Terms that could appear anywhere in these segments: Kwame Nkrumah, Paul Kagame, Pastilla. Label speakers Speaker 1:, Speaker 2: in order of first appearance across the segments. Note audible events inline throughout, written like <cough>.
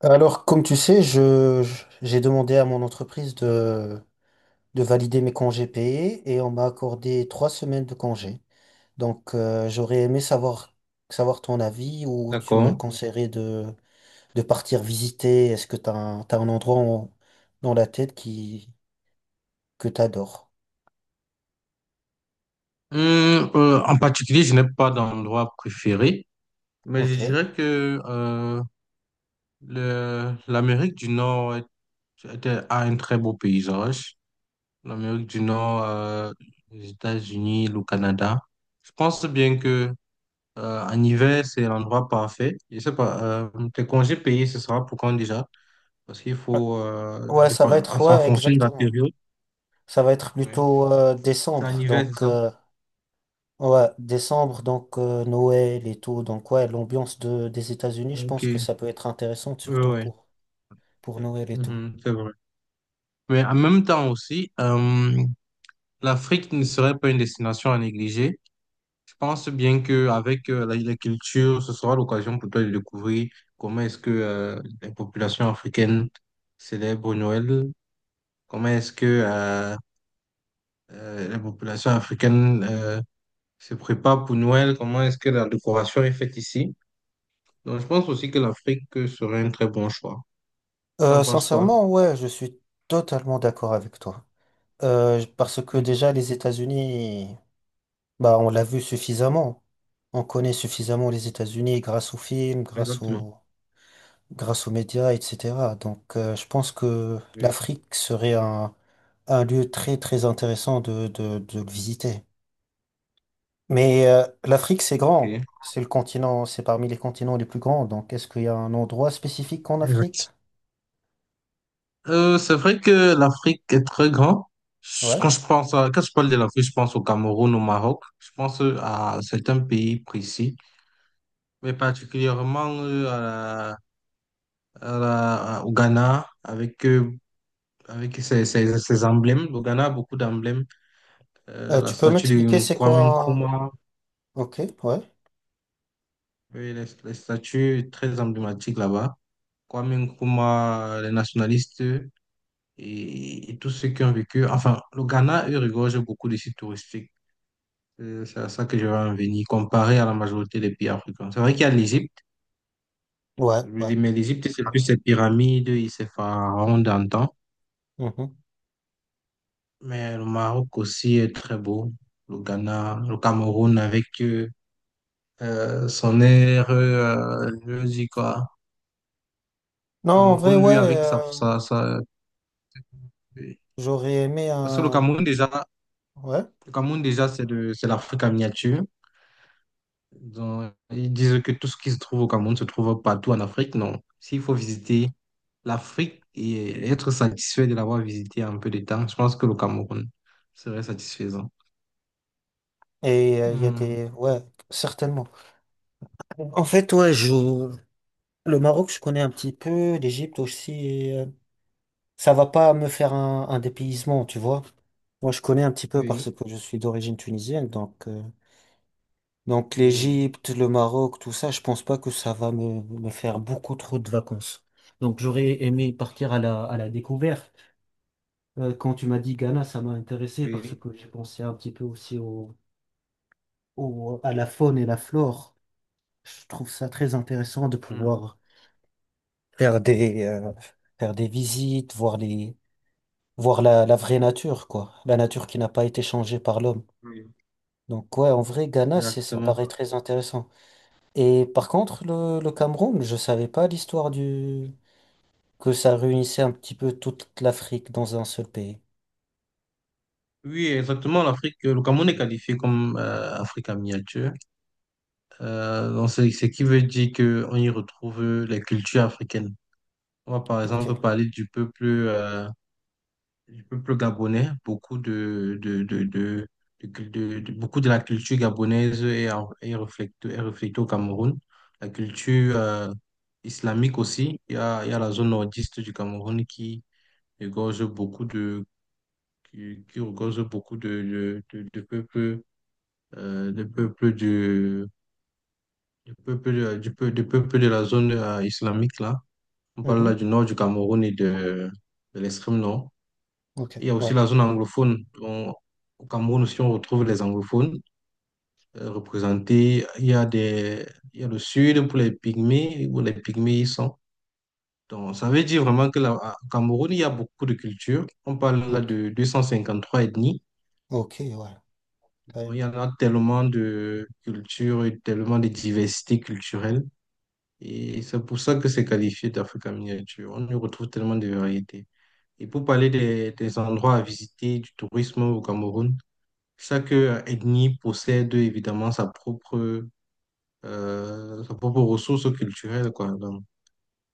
Speaker 1: Alors, comme tu sais, j'ai demandé à mon entreprise de valider mes congés payés et on m'a accordé 3 semaines de congés. Donc, j'aurais aimé savoir, ton avis ou tu me
Speaker 2: D'accord.
Speaker 1: conseillerais de partir visiter. Est-ce que t'as un endroit dans la tête que t'adores?
Speaker 2: En particulier, je n'ai pas d'endroit préféré, mais je
Speaker 1: Ok.
Speaker 2: dirais que l'Amérique du Nord a un très beau paysage. L'Amérique du Nord, les États-Unis, le Canada. Je pense bien que en hiver, c'est l'endroit parfait. Je sais pas, tes congés payés, ce sera pour quand déjà? Parce qu'il faut,
Speaker 1: Ouais, ça va être,
Speaker 2: en
Speaker 1: ouais,
Speaker 2: fonction de la
Speaker 1: exactement.
Speaker 2: période.
Speaker 1: Ça va être
Speaker 2: Ouais.
Speaker 1: plutôt
Speaker 2: C'est en
Speaker 1: décembre.
Speaker 2: hiver, c'est
Speaker 1: Donc,
Speaker 2: ça?
Speaker 1: Ouais, décembre, donc Noël et tout. Donc ouais, l'ambiance des États-Unis, je
Speaker 2: Ok.
Speaker 1: pense que
Speaker 2: Oui,
Speaker 1: ça peut être intéressant, surtout
Speaker 2: oui.
Speaker 1: pour Noël et tout.
Speaker 2: Mhm, c'est vrai. Mais en même temps aussi, l'Afrique ne serait pas une destination à négliger. Je pense bien qu'avec la culture, ce sera l'occasion pour toi de découvrir comment est-ce que les populations africaines célèbrent Noël, comment est-ce que les populations africaines se préparent pour Noël, comment est-ce que la décoration est faite ici. Donc je pense aussi que l'Afrique serait un très bon choix. Tu en penses
Speaker 1: Sincèrement,
Speaker 2: quoi?
Speaker 1: ouais, je suis totalement d'accord avec toi. Parce que
Speaker 2: Mhm.
Speaker 1: déjà, les États-Unis, bah, on l'a vu suffisamment. On connaît suffisamment les États-Unis grâce aux films, grâce
Speaker 2: Exactement.
Speaker 1: aux, grâce aux médias, etc. Donc je pense que
Speaker 2: Oui.
Speaker 1: l'Afrique serait un lieu très, très intéressant de le visiter. Mais l'Afrique, c'est
Speaker 2: Ok.
Speaker 1: grand. C'est le continent, c'est parmi les continents les plus grands. Donc, est-ce qu'il y a un endroit spécifique en Afrique?
Speaker 2: C'est vrai que l'Afrique est très grande.
Speaker 1: Ouais.
Speaker 2: Quand je quand je parle de l'Afrique, je pense au Cameroun, au Maroc. Je pense à certains pays précis, mais particulièrement à la- à au Ghana, avec, avec ses emblèmes. Le Ghana a beaucoup d'emblèmes. La
Speaker 1: Tu peux
Speaker 2: statue
Speaker 1: m'expliquer
Speaker 2: de
Speaker 1: c'est
Speaker 2: Kwame
Speaker 1: quoi?
Speaker 2: Nkrumah,
Speaker 1: Ok, ouais.
Speaker 2: oui, les statues très emblématiques là-bas. Kwame Nkrumah, les nationalistes et tous ceux qui ont vécu. Enfin, le Ghana, eux, regorge beaucoup de sites touristiques. C'est à ça que je vais en venir, comparé à la majorité des pays africains. C'est vrai qu'il y a l'Égypte,
Speaker 1: Ouais, ouais.
Speaker 2: mais l'Égypte, c'est plus ses pyramides et ses pharaons d'antan.
Speaker 1: Mhm.
Speaker 2: Mais le Maroc aussi est très beau. Le Ghana, le Cameroun avec son air, je dis quoi.
Speaker 1: Non, en vrai,
Speaker 2: Cameroun, lui,
Speaker 1: ouais.
Speaker 2: avec
Speaker 1: J'aurais aimé
Speaker 2: parce que
Speaker 1: un. Ouais.
Speaker 2: Le Cameroun, déjà, c'est l'Afrique en miniature. Donc, ils disent que tout ce qui se trouve au Cameroun se trouve partout en Afrique. Non. S'il faut visiter l'Afrique et être satisfait de l'avoir visité en peu de temps, je pense que le Cameroun serait satisfaisant.
Speaker 1: Et il y a
Speaker 2: Hmm,
Speaker 1: des. Ouais, certainement. En fait, ouais, je... Le Maroc, je connais un petit peu. L'Égypte aussi. Et ça va pas me faire un dépaysement, tu vois. Moi, je connais un petit peu
Speaker 2: oui,
Speaker 1: parce que je suis d'origine tunisienne. Donc. Donc
Speaker 2: hmm,
Speaker 1: l'Égypte, le Maroc, tout ça, je pense pas que ça va me faire beaucoup trop de vacances. Donc j'aurais aimé partir à la découverte. Quand tu m'as dit Ghana, ça m'a intéressé parce
Speaker 2: oui,
Speaker 1: que j'ai pensé un petit peu aussi à la faune et la flore. Je trouve ça très intéressant de
Speaker 2: hmm,
Speaker 1: pouvoir faire des, euh, faire des visites, voir la vraie nature, quoi. La nature qui n'a pas été changée par l'homme.
Speaker 2: oui,
Speaker 1: Donc ouais, en vrai, Ghana, ça
Speaker 2: exactement.
Speaker 1: paraît très intéressant. Et par contre, le Cameroun, je savais pas l'histoire du... Que ça réunissait un petit peu toute l'Afrique dans un seul pays.
Speaker 2: Oui, exactement. L'Afrique, le Cameroun est qualifié comme Afrique en miniature. Donc c'est ce qui veut dire qu'on y retrouve les cultures africaines. On va par
Speaker 1: Ok.
Speaker 2: exemple parler du peuple. Du peuple gabonais, beaucoup de beaucoup de la culture gabonaise est est reflétée au Cameroun. La culture islamique aussi. Il y a la zone nordiste du Cameroun qui regorge beaucoup qui regorge beaucoup de peuples, de peuples du peuple, de peuples de la zone islamique là. On parle là du
Speaker 1: Mhm.
Speaker 2: nord du Cameroun et de l'extrême nord.
Speaker 1: Ok.
Speaker 2: Il y a aussi
Speaker 1: Ouais.
Speaker 2: la zone anglophone. Au Cameroun aussi, on retrouve les anglophones représentés. Il y a des, il y a le sud pour les pygmées, où les pygmées y sont. Donc, ça veut dire vraiment que là, au Cameroun, il y a beaucoup de cultures. On parle là
Speaker 1: Ok.
Speaker 2: de 253 ethnies.
Speaker 1: Ok, ouais.
Speaker 2: Donc,
Speaker 1: Quand.
Speaker 2: il y en a tellement de cultures et tellement de diversité culturelle. Et c'est pour ça que c'est qualifié d'Afrique miniature. On y retrouve tellement de variétés. Et pour parler des endroits à visiter, du tourisme au Cameroun, chaque ethnie possède évidemment sa propre ressource culturelle, quoi. Donc,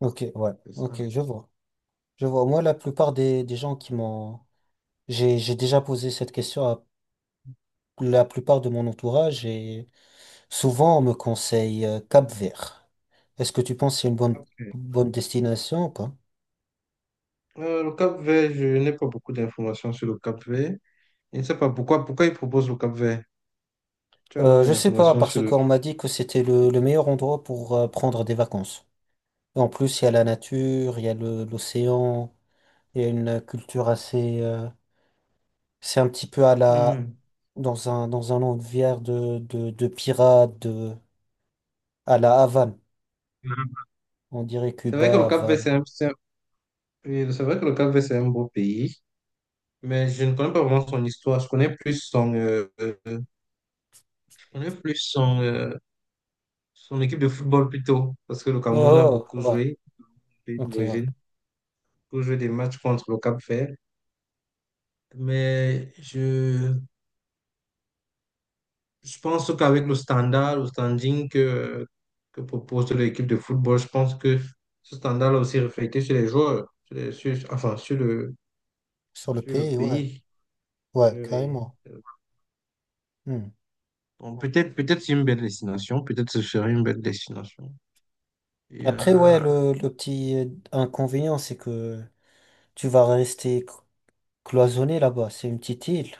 Speaker 1: Ok, ouais.
Speaker 2: c'est ça.
Speaker 1: Ok, je vois. Je vois. Moi, la plupart des gens qui m'ont... J'ai déjà posé cette question à la plupart de mon entourage et souvent on me conseille Cap-Vert. Est-ce que tu penses que c'est une bonne,
Speaker 2: Après,
Speaker 1: bonne destination ou pas?
Speaker 2: le Cap-Vert, je n'ai pas beaucoup d'informations sur le Cap-Vert. Je ne sais pas pourquoi, pourquoi ils proposent le Cap-Vert. Tu en as des
Speaker 1: Je sais pas,
Speaker 2: informations sur
Speaker 1: parce
Speaker 2: le...
Speaker 1: qu'on m'a dit que c'était le meilleur endroit pour prendre des vacances. Et en plus, il y a la nature, il y a l'océan, il y a une culture assez... C'est un petit peu à la...
Speaker 2: Hmm.
Speaker 1: Dans un univers de pirates, à la Havane. On dirait
Speaker 2: C'est vrai que
Speaker 1: Cuba,
Speaker 2: le Cap-Vert,
Speaker 1: Havane.
Speaker 2: oui, c'est vrai que le Cap-Vert, c'est un beau pays, mais je ne connais pas vraiment son histoire. Je connais plus son, je connais plus son, son équipe de football plutôt, parce que le
Speaker 1: Oh,
Speaker 2: Cameroun a
Speaker 1: oh,
Speaker 2: beaucoup
Speaker 1: oh, ouais,
Speaker 2: joué, le pays
Speaker 1: ok, ouais.
Speaker 2: d'origine, pour jouer des matchs contre le Cap-Vert. Mais je pense qu'avec le standard, le standing que propose l'équipe de football, je pense que ce standard là aussi reflété sur les joueurs, enfin
Speaker 1: Sur le
Speaker 2: sur le
Speaker 1: pays, ouais,
Speaker 2: pays. Je
Speaker 1: ouais,
Speaker 2: vais-
Speaker 1: carrément.
Speaker 2: euh,
Speaker 1: Hmm.
Speaker 2: Bon, peut-être c'est une belle destination, peut-être ce serait une belle destination. Et
Speaker 1: Après, ouais, le petit inconvénient, c'est que tu vas rester cloisonné là-bas. C'est une petite île.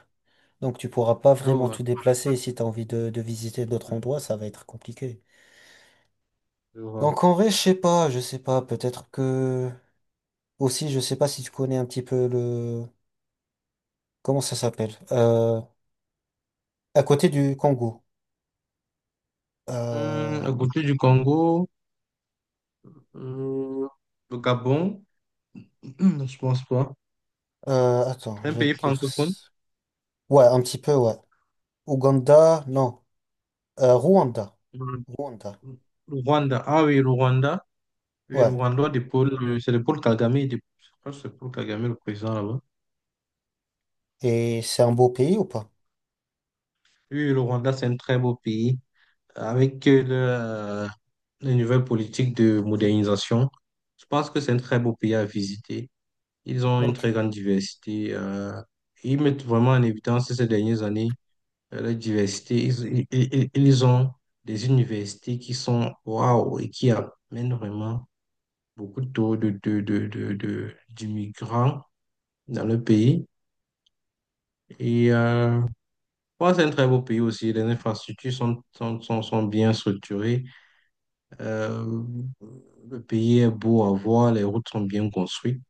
Speaker 1: Donc tu pourras pas
Speaker 2: là,
Speaker 1: vraiment
Speaker 2: ouais,
Speaker 1: te déplacer. Si tu as envie de visiter d'autres endroits, ça va être compliqué.
Speaker 2: je vois.
Speaker 1: Donc en vrai, je sais pas, je sais pas. Peut-être que aussi, je sais pas si tu connais un petit peu le comment ça s'appelle. À côté du Congo. Euh,
Speaker 2: À côté du Congo, hum, le Gabon, <clears throat> je pense pas.
Speaker 1: Attends,
Speaker 2: Un
Speaker 1: je vais
Speaker 2: pays
Speaker 1: te dire.
Speaker 2: francophone.
Speaker 1: Ouais, un petit peu, ouais. Ouganda, non. Rwanda. Rwanda.
Speaker 2: Le Rwanda. Ah oui, le Rwanda. Oui, le
Speaker 1: Ouais.
Speaker 2: Rwanda de Paul, c'est le Paul Kagame. Je crois que c'est Paul Kagame, le président là-bas.
Speaker 1: Et c'est un beau pays ou pas?
Speaker 2: Oui, le Rwanda, c'est un très beau pays avec les nouvelles politiques de modernisation. Je pense que c'est un très beau pays à visiter. Ils ont une
Speaker 1: Ok.
Speaker 2: très grande diversité. Ils mettent vraiment en évidence ces dernières années la diversité. Ils ont des universités qui sont waouh et qui amènent vraiment beaucoup taux de d'immigrants dans le pays. Et bon, c'est un très beau pays aussi. Les infrastructures sont bien structurées. Euh, le pays est beau à voir, les routes sont bien construites.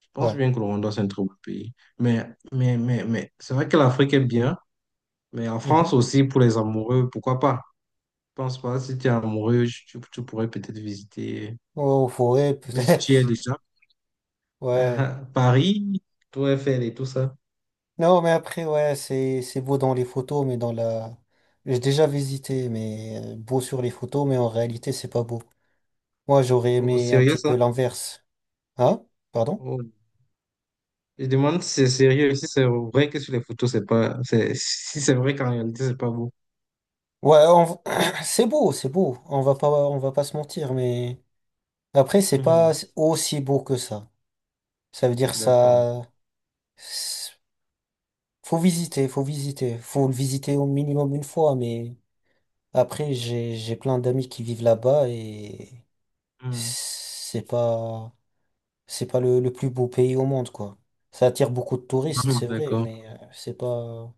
Speaker 2: Je pense
Speaker 1: Ouais.
Speaker 2: bien que le Rwanda, c'est un très beau pays. Mais, mais c'est vrai que l'Afrique est bien, mais en France
Speaker 1: Mhm.
Speaker 2: aussi, pour les amoureux, pourquoi pas? Je pense pas, si tu es amoureux, tu pourrais peut-être visiter,
Speaker 1: Oh, forêt,
Speaker 2: mais si tu y es
Speaker 1: peut-être.
Speaker 2: déjà,
Speaker 1: <laughs> Ouais.
Speaker 2: <laughs> Paris, tout Eiffel et tout ça.
Speaker 1: Non, mais après, ouais, c'est beau dans les photos, mais dans la... J'ai déjà visité, mais beau sur les photos, mais en réalité, c'est pas beau. Moi, j'aurais
Speaker 2: Au
Speaker 1: aimé un
Speaker 2: sérieux,
Speaker 1: petit
Speaker 2: ça?
Speaker 1: peu l'inverse. Hein? Pardon?
Speaker 2: Oh. Je demande si c'est sérieux, si c'est vrai que sur les photos, c'est pas, c'est, si c'est vrai qu'en réalité, c'est pas beau.
Speaker 1: Ouais, <clears throat> c'est beau, c'est beau. On va pas se mentir, mais après, c'est pas
Speaker 2: Mhm.
Speaker 1: aussi beau que ça. Ça veut dire
Speaker 2: D'accord.
Speaker 1: ça... C'est- Faut visiter, faut visiter. Faut le visiter au minimum une fois, mais après, j'ai plein d'amis qui vivent là-bas et
Speaker 2: Mhm.
Speaker 1: c'est pas... C'est pas le plus beau pays au monde, quoi. Ça attire beaucoup de touristes,
Speaker 2: Mhm.
Speaker 1: c'est vrai,
Speaker 2: D'accord.
Speaker 1: mais c'est pas,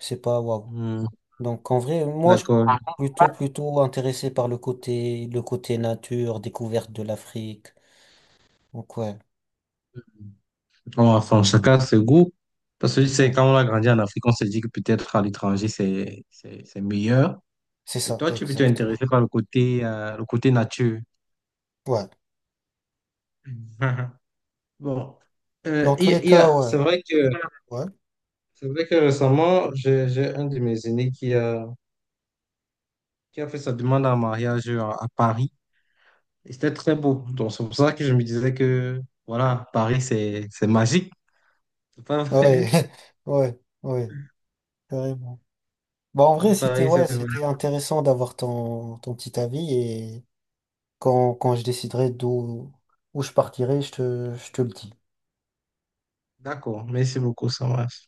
Speaker 1: c'est pas waouh.
Speaker 2: Mhm.
Speaker 1: Donc, en vrai, moi, je suis
Speaker 2: D'accord.
Speaker 1: plutôt intéressé par le côté nature, découverte de l'Afrique. Donc, ouais,
Speaker 2: Bon, enfin, chacun a ses goûts. Parce que c'est
Speaker 1: hmm,
Speaker 2: quand on a grandi en Afrique, on se dit que peut-être à l'étranger, c'est meilleur.
Speaker 1: c'est
Speaker 2: Et
Speaker 1: ça,
Speaker 2: toi, tu es plutôt
Speaker 1: exactement.
Speaker 2: intéressé par le côté nature.
Speaker 1: Ouais.
Speaker 2: <laughs> Mhm. Bon, Euh,
Speaker 1: Dans
Speaker 2: il
Speaker 1: tous
Speaker 2: y a-
Speaker 1: les
Speaker 2: il y
Speaker 1: cas,
Speaker 2: a-
Speaker 1: ouais.
Speaker 2: c'est vrai que,
Speaker 1: Ouais.
Speaker 2: c'est vrai que récemment, j'ai un de mes aînés qui a fait sa demande en mariage à Paris. Et c'était très beau. Donc, c'est pour ça que je me disais que, voilà, Paris, c'est magique. C'est pas
Speaker 1: Ouais.
Speaker 2: vrai?
Speaker 1: <laughs> Ouais. Ouais. Carrément. Bah, en vrai,
Speaker 2: <laughs>
Speaker 1: c'était,
Speaker 2: Paris,
Speaker 1: ouais,
Speaker 2: c'est magique.
Speaker 1: c'était intéressant d'avoir ton petit avis et quand je déciderai où je partirai, je te le dis.
Speaker 2: D'accord. Merci beaucoup, Samras.